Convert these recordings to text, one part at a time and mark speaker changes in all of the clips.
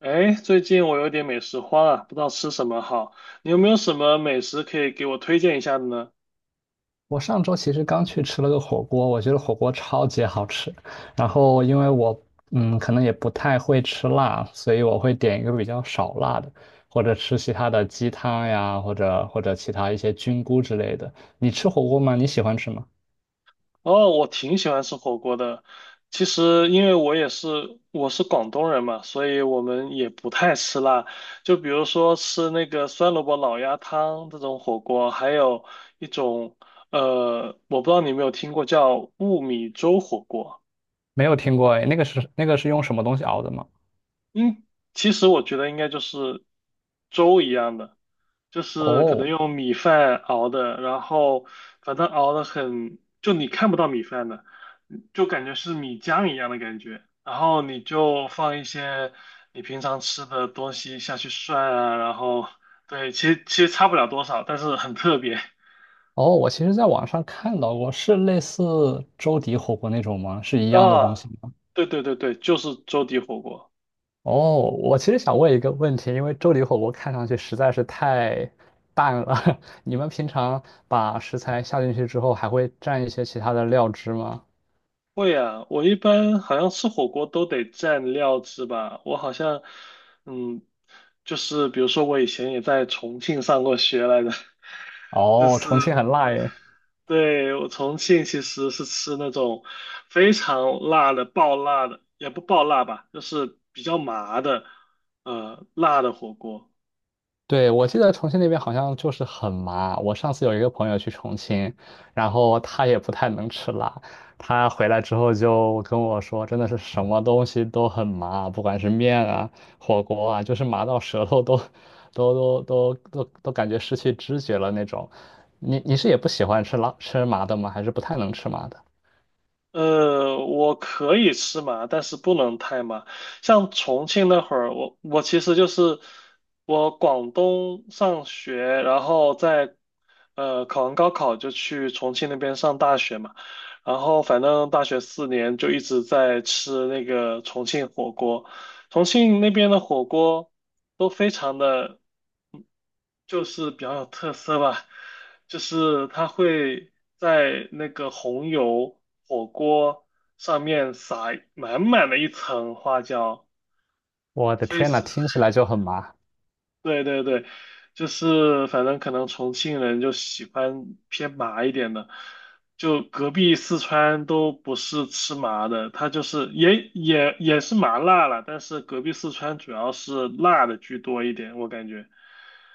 Speaker 1: 哎，最近我有点美食荒啊，不知道吃什么好。你有没有什么美食可以给我推荐一下的呢？
Speaker 2: 我上周其实刚去吃了个火锅，我觉得火锅超级好吃。然后因为我可能也不太会吃辣，所以我会点一个比较少辣的，或者吃其他的鸡汤呀，或者其他一些菌菇之类的。你吃火锅吗？你喜欢吃吗？
Speaker 1: 哦，我挺喜欢吃火锅的。其实因为我是广东人嘛，所以我们也不太吃辣。就比如说吃那个酸萝卜老鸭汤这种火锅，还有一种我不知道你有没有听过叫雾米粥火锅。
Speaker 2: 没有听过诶，那个是用什么东西熬的吗？
Speaker 1: 嗯，其实我觉得应该就是粥一样的。就是可能
Speaker 2: 哦
Speaker 1: 用米饭熬的，然后反正熬的很，就你看不到米饭的，就感觉是米浆一样的感觉。然后你就放一些你平常吃的东西下去涮啊，然后对，其实差不了多少，但是很特别
Speaker 2: 哦，我其实在网上看到过，是类似周底火锅那种吗？是一样的东
Speaker 1: 啊。
Speaker 2: 西吗？
Speaker 1: 对对对对，就是粥底火锅。
Speaker 2: 哦，我其实想问一个问题，因为粥里火锅看上去实在是太淡了，你们平常把食材下进去之后，还会蘸一些其他的料汁吗？
Speaker 1: 会啊，我一般好像吃火锅都得蘸料汁吧。我好像，嗯，就是比如说我以前也在重庆上过学来着。就
Speaker 2: 哦，
Speaker 1: 是
Speaker 2: 重庆很辣耶。
Speaker 1: 对我重庆其实是吃那种非常辣的、爆辣的，也不爆辣吧，就是比较麻的，辣的火锅。
Speaker 2: 对，我记得重庆那边好像就是很麻。我上次有一个朋友去重庆，然后他也不太能吃辣，他回来之后就跟我说，真的是什么东西都很麻，不管是面啊、火锅啊，就是麻到舌头都、都、感觉失去知觉了那种。你是也不喜欢吃辣、吃麻的吗？还是不太能吃麻的？
Speaker 1: 我可以吃麻，但是不能太麻。像重庆那会儿，我其实就是我广东上学，然后在考完高考就去重庆那边上大学嘛，然后反正大学四年就一直在吃那个重庆火锅，重庆那边的火锅都非常的。就是比较有特色吧，就是它会在那个红油火锅上面撒满满的一层花椒，
Speaker 2: 我的
Speaker 1: 非
Speaker 2: 天呐，
Speaker 1: 是，
Speaker 2: 听起来就很麻。
Speaker 1: 对对对，就是反正可能重庆人就喜欢偏麻一点的，就隔壁四川都不是吃麻的，它就是也是麻辣了，但是隔壁四川主要是辣的居多一点，我感觉。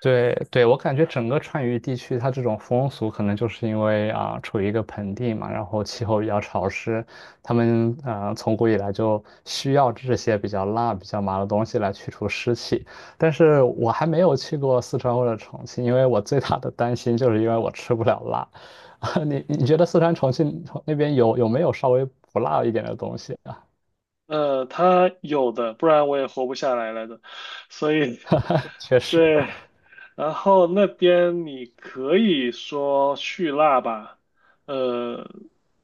Speaker 2: 对对，我感觉整个川渝地区，它这种风俗可能就是因为啊、处于一个盆地嘛，然后气候比较潮湿，他们从古以来就需要这些比较辣、比较麻的东西来去除湿气。但是我还没有去过四川或者重庆，因为我最大的担心就是因为我吃不了辣。啊，你你觉得四川重庆那边有没有稍微不辣一点的东西啊？
Speaker 1: 他有的，不然我也活不下来了的。所以，
Speaker 2: 确实，
Speaker 1: 对，然后那边你可以说去辣吧。呃，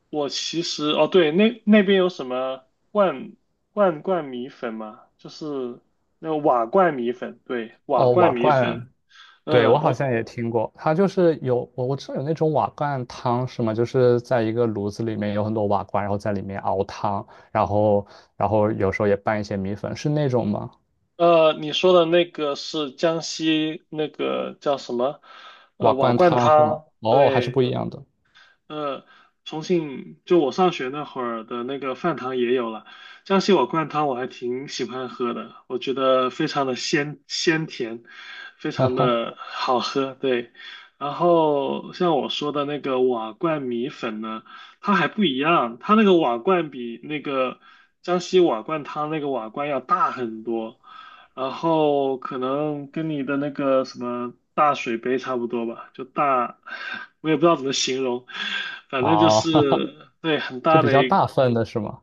Speaker 1: 我其实，哦，对，那边有什么罐罐罐米粉吗？就是那个瓦罐米粉，对，瓦
Speaker 2: 哦，瓦
Speaker 1: 罐米
Speaker 2: 罐。
Speaker 1: 粉。
Speaker 2: 对，
Speaker 1: 嗯，
Speaker 2: 我好
Speaker 1: 我
Speaker 2: 像也听过，它就是有我知道有那种瓦罐汤是吗？就是在一个炉子里面有很多瓦罐，然后在里面熬汤，然后然后有时候也拌一些米粉，是那种吗？
Speaker 1: 你说的那个是江西那个叫什么？
Speaker 2: 瓦
Speaker 1: 瓦
Speaker 2: 罐
Speaker 1: 罐
Speaker 2: 汤是吗？
Speaker 1: 汤，
Speaker 2: 哦，还是不
Speaker 1: 对。
Speaker 2: 一样的
Speaker 1: 呃，重庆就我上学那会儿的那个饭堂也有了，江西瓦罐汤我还挺喜欢喝的，我觉得非常的鲜甜，非常的好喝，对。然后像我说的那个瓦罐米粉呢，它还不一样，它那个瓦罐比那个江西瓦罐汤那个瓦罐要大很多，然后可能跟你的那个什么大水杯差不多吧，就大，我也不知道怎么形容，反正就
Speaker 2: 哦，
Speaker 1: 是对很
Speaker 2: 就
Speaker 1: 大
Speaker 2: 比
Speaker 1: 的
Speaker 2: 较
Speaker 1: 一
Speaker 2: 大份的是吗？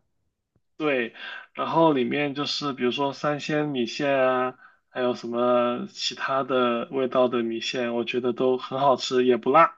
Speaker 1: 对，然后里面就是比如说三鲜米线啊，还有什么其他的味道的米线，我觉得都很好吃，也不辣。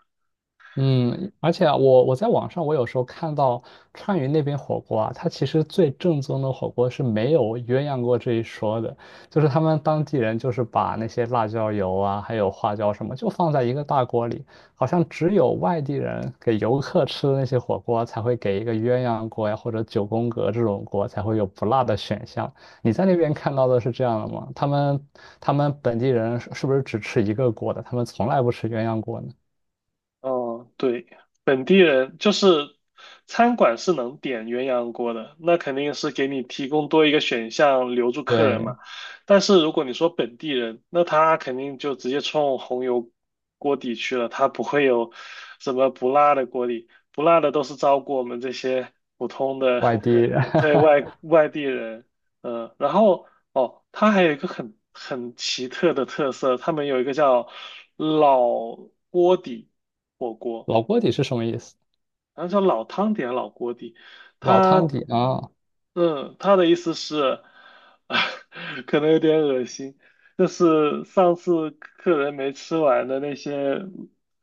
Speaker 2: 嗯，而且啊我在网上我有时候看到川渝那边火锅啊，它其实最正宗的火锅是没有鸳鸯锅这一说的，就是他们当地人就是把那些辣椒油啊，还有花椒什么，就放在一个大锅里，好像只有外地人给游客吃的那些火锅才会给一个鸳鸯锅呀，或者九宫格这种锅才会有不辣的选项。你在那边看到的是这样的吗？他们本地人是不是只吃一个锅的？他们从来不吃鸳鸯锅呢？
Speaker 1: 哦，对，本地人就是餐馆是能点鸳鸯锅的，那肯定是给你提供多一个选项留住客人
Speaker 2: 对。
Speaker 1: 嘛。但是如果你说本地人，那他肯定就直接冲红油锅底去了，他不会有什么不辣的锅底，不辣的都是照顾我们这些普通的
Speaker 2: 外地人，
Speaker 1: 对外 外地人。嗯，然后哦，它还有一个很奇特的特色，他们有一个叫老锅底。火锅，
Speaker 2: 老锅底是什么意思？
Speaker 1: 然后叫老汤底还是老锅底？
Speaker 2: 老
Speaker 1: 他，
Speaker 2: 汤底啊！
Speaker 1: 嗯，他的意思是，可能有点恶心，就是上次客人没吃完的那些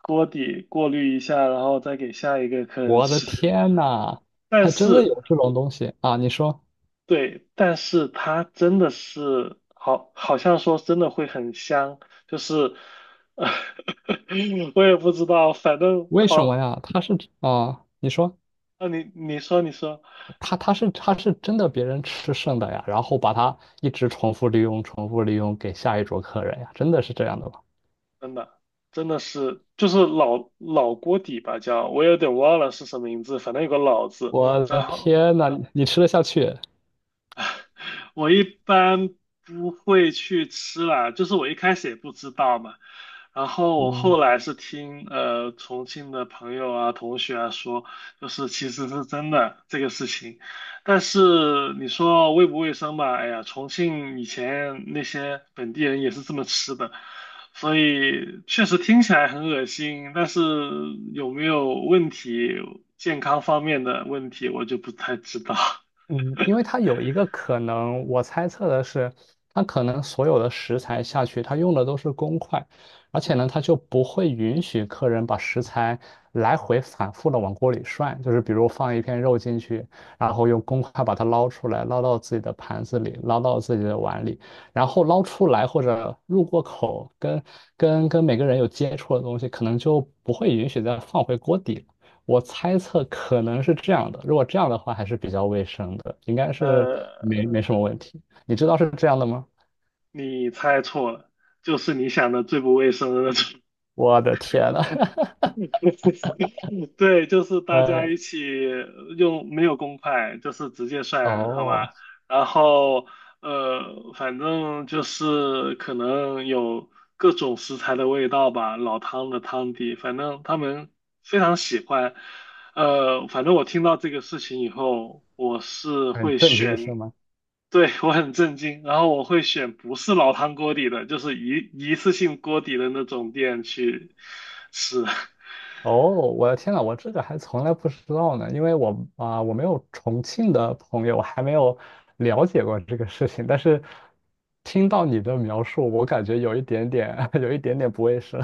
Speaker 1: 锅底过滤一下，然后再给下一个客人
Speaker 2: 我的
Speaker 1: 吃。
Speaker 2: 天呐，
Speaker 1: 但
Speaker 2: 还真的
Speaker 1: 是，
Speaker 2: 有这种东西啊！你说
Speaker 1: 对，但是它真的是好，好像说真的会很香，就是，我也不知道，反正
Speaker 2: 为什么
Speaker 1: 好，
Speaker 2: 呀？它是啊，你说
Speaker 1: 啊，你说你说。
Speaker 2: 它它是它是真的别人吃剩的呀，然后把它一直重复利用、重复利用给下一桌客人呀，真的是这样的吗？
Speaker 1: 真的，真的是就是老锅底吧，叫我有点忘了是什么名字，反正有个老字，
Speaker 2: 我的
Speaker 1: 然后
Speaker 2: 天呐，你吃得下去？
Speaker 1: 我一般不会去吃啦，就是我一开始也不知道嘛，然后我
Speaker 2: 嗯，
Speaker 1: 后来是听重庆的朋友啊、同学啊说，就是其实是真的这个事情，但是你说卫不卫生吧，哎呀，重庆以前那些本地人也是这么吃的，所以确实听起来很恶心，但是有没有问题，健康方面的问题我就不太知道。
Speaker 2: 嗯，因为它有一个可能，我猜测的是，它可能所有的食材下去，它用的都是公筷，而且呢，它就不会允许客人把食材来回反复的往锅里涮，就是比如放一片肉进去，然后用公筷把它捞出来，捞到自己的盘子里，捞到自己的碗里，然后捞出来或者入过口，跟每个人有接触的东西，可能就不会允许再放回锅底，我猜测可能是这样的，如果这样的话还是比较卫生的，应该是
Speaker 1: 呃，
Speaker 2: 没什么问题。你知道是这样的吗？
Speaker 1: 你猜错了，就是你想的最不卫生的那种。
Speaker 2: 我的天呐，
Speaker 1: 对，就是 大家
Speaker 2: 呃，
Speaker 1: 一起用没有公筷，就是直接算，好
Speaker 2: 哦，
Speaker 1: 吧？然后反正就是可能有各种食材的味道吧，老汤的汤底，反正他们非常喜欢。反正我听到这个事情以后，我是
Speaker 2: 很
Speaker 1: 会
Speaker 2: 震惊是
Speaker 1: 选，
Speaker 2: 吗？
Speaker 1: 对，我很震惊，然后我会选不是老汤锅底的，就是一次性锅底的那种店去吃。
Speaker 2: 哦，我的天呐，我这个还从来不知道呢，因为我啊、我没有重庆的朋友，我还没有了解过这个事情，但是听到你的描述，我感觉有一点点，有一点点不卫生。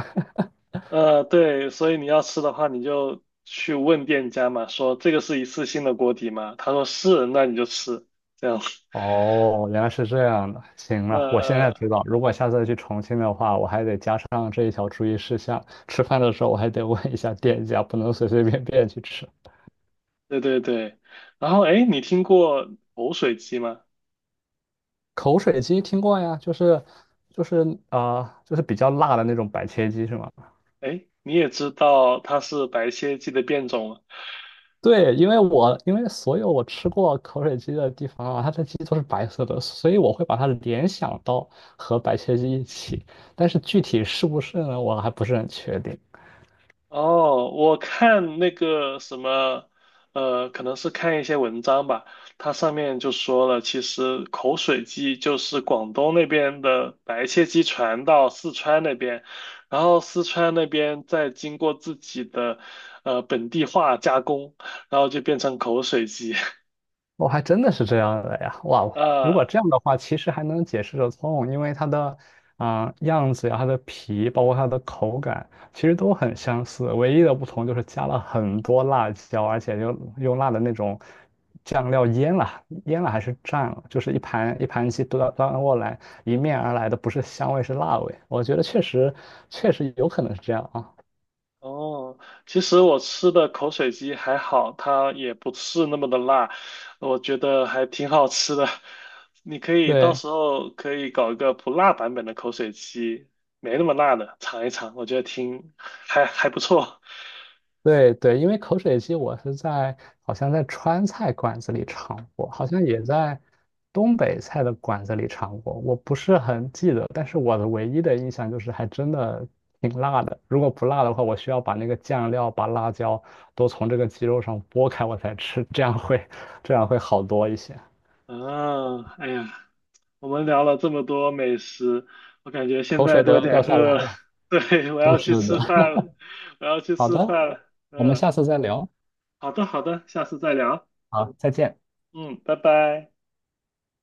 Speaker 1: 对，所以你要吃的话，你就去问店家嘛，说这个是一次性的锅底吗？他说是，那你就吃，这样。
Speaker 2: 哦，原来是这样的。行
Speaker 1: 呃
Speaker 2: 了，我现在
Speaker 1: 呃，
Speaker 2: 知道，如果下次去重庆的话，我还得加上这一条注意事项。吃饭的时候，我还得问一下店家，不能随随便便去吃。
Speaker 1: 对对对。然后，哎，你听过口水鸡吗？
Speaker 2: 口水鸡听过呀，就是啊、就是比较辣的那种白切鸡是吗？
Speaker 1: 哎，你也知道它是白切鸡的变种了。
Speaker 2: 对，因为我因为所有我吃过口水鸡的地方啊，它的鸡都是白色的，所以我会把它联想到和白切鸡一起。但是具体是不是呢，我还不是很确定。
Speaker 1: 哦，我看那个什么，可能是看一些文章吧，它上面就说了，其实口水鸡就是广东那边的白切鸡传到四川那边，然后四川那边再经过自己的本地化加工，然后就变成口水鸡
Speaker 2: 我还真的是这样的呀！哇 哦，
Speaker 1: 啊。
Speaker 2: 如果这样的话，其实还能解释得通，因为它的啊、样子呀、它的皮，包括它的口感，其实都很相似。唯一的不同就是加了很多辣椒，而且又用辣的那种酱料腌了，腌了还是蘸了，就是一盘一盘鸡端端过来，迎面而来的不是香味，是辣味。我觉得确实有可能是这样啊。
Speaker 1: 哦，其实我吃的口水鸡还好，它也不是那么的辣，我觉得还挺好吃的。你可以到
Speaker 2: 对。
Speaker 1: 时候可以搞一个不辣版本的口水鸡，没那么辣的，尝一尝，我觉得挺还不错。
Speaker 2: 对对，因为口水鸡我是在好像在川菜馆子里尝过，好像也在东北菜的馆子里尝过，我不是很记得，但是我的唯一的印象就是还真的挺辣的。如果不辣的话，我需要把那个酱料、把辣椒都从这个鸡肉上剥开我才吃，这样会好多一些，
Speaker 1: 啊，哎呀，我们聊了这么多美食，我感觉现
Speaker 2: 口
Speaker 1: 在
Speaker 2: 水
Speaker 1: 都
Speaker 2: 都
Speaker 1: 有
Speaker 2: 要
Speaker 1: 点
Speaker 2: 掉下来
Speaker 1: 饿了。
Speaker 2: 了。
Speaker 1: 对，我
Speaker 2: 就
Speaker 1: 要
Speaker 2: 是
Speaker 1: 去
Speaker 2: 的，
Speaker 1: 吃饭了，我要去
Speaker 2: 好
Speaker 1: 吃
Speaker 2: 的，
Speaker 1: 饭了。
Speaker 2: 我们
Speaker 1: 嗯，
Speaker 2: 下次再聊，
Speaker 1: 好的好的，下次再聊。
Speaker 2: 好，再见。
Speaker 1: 嗯，拜拜。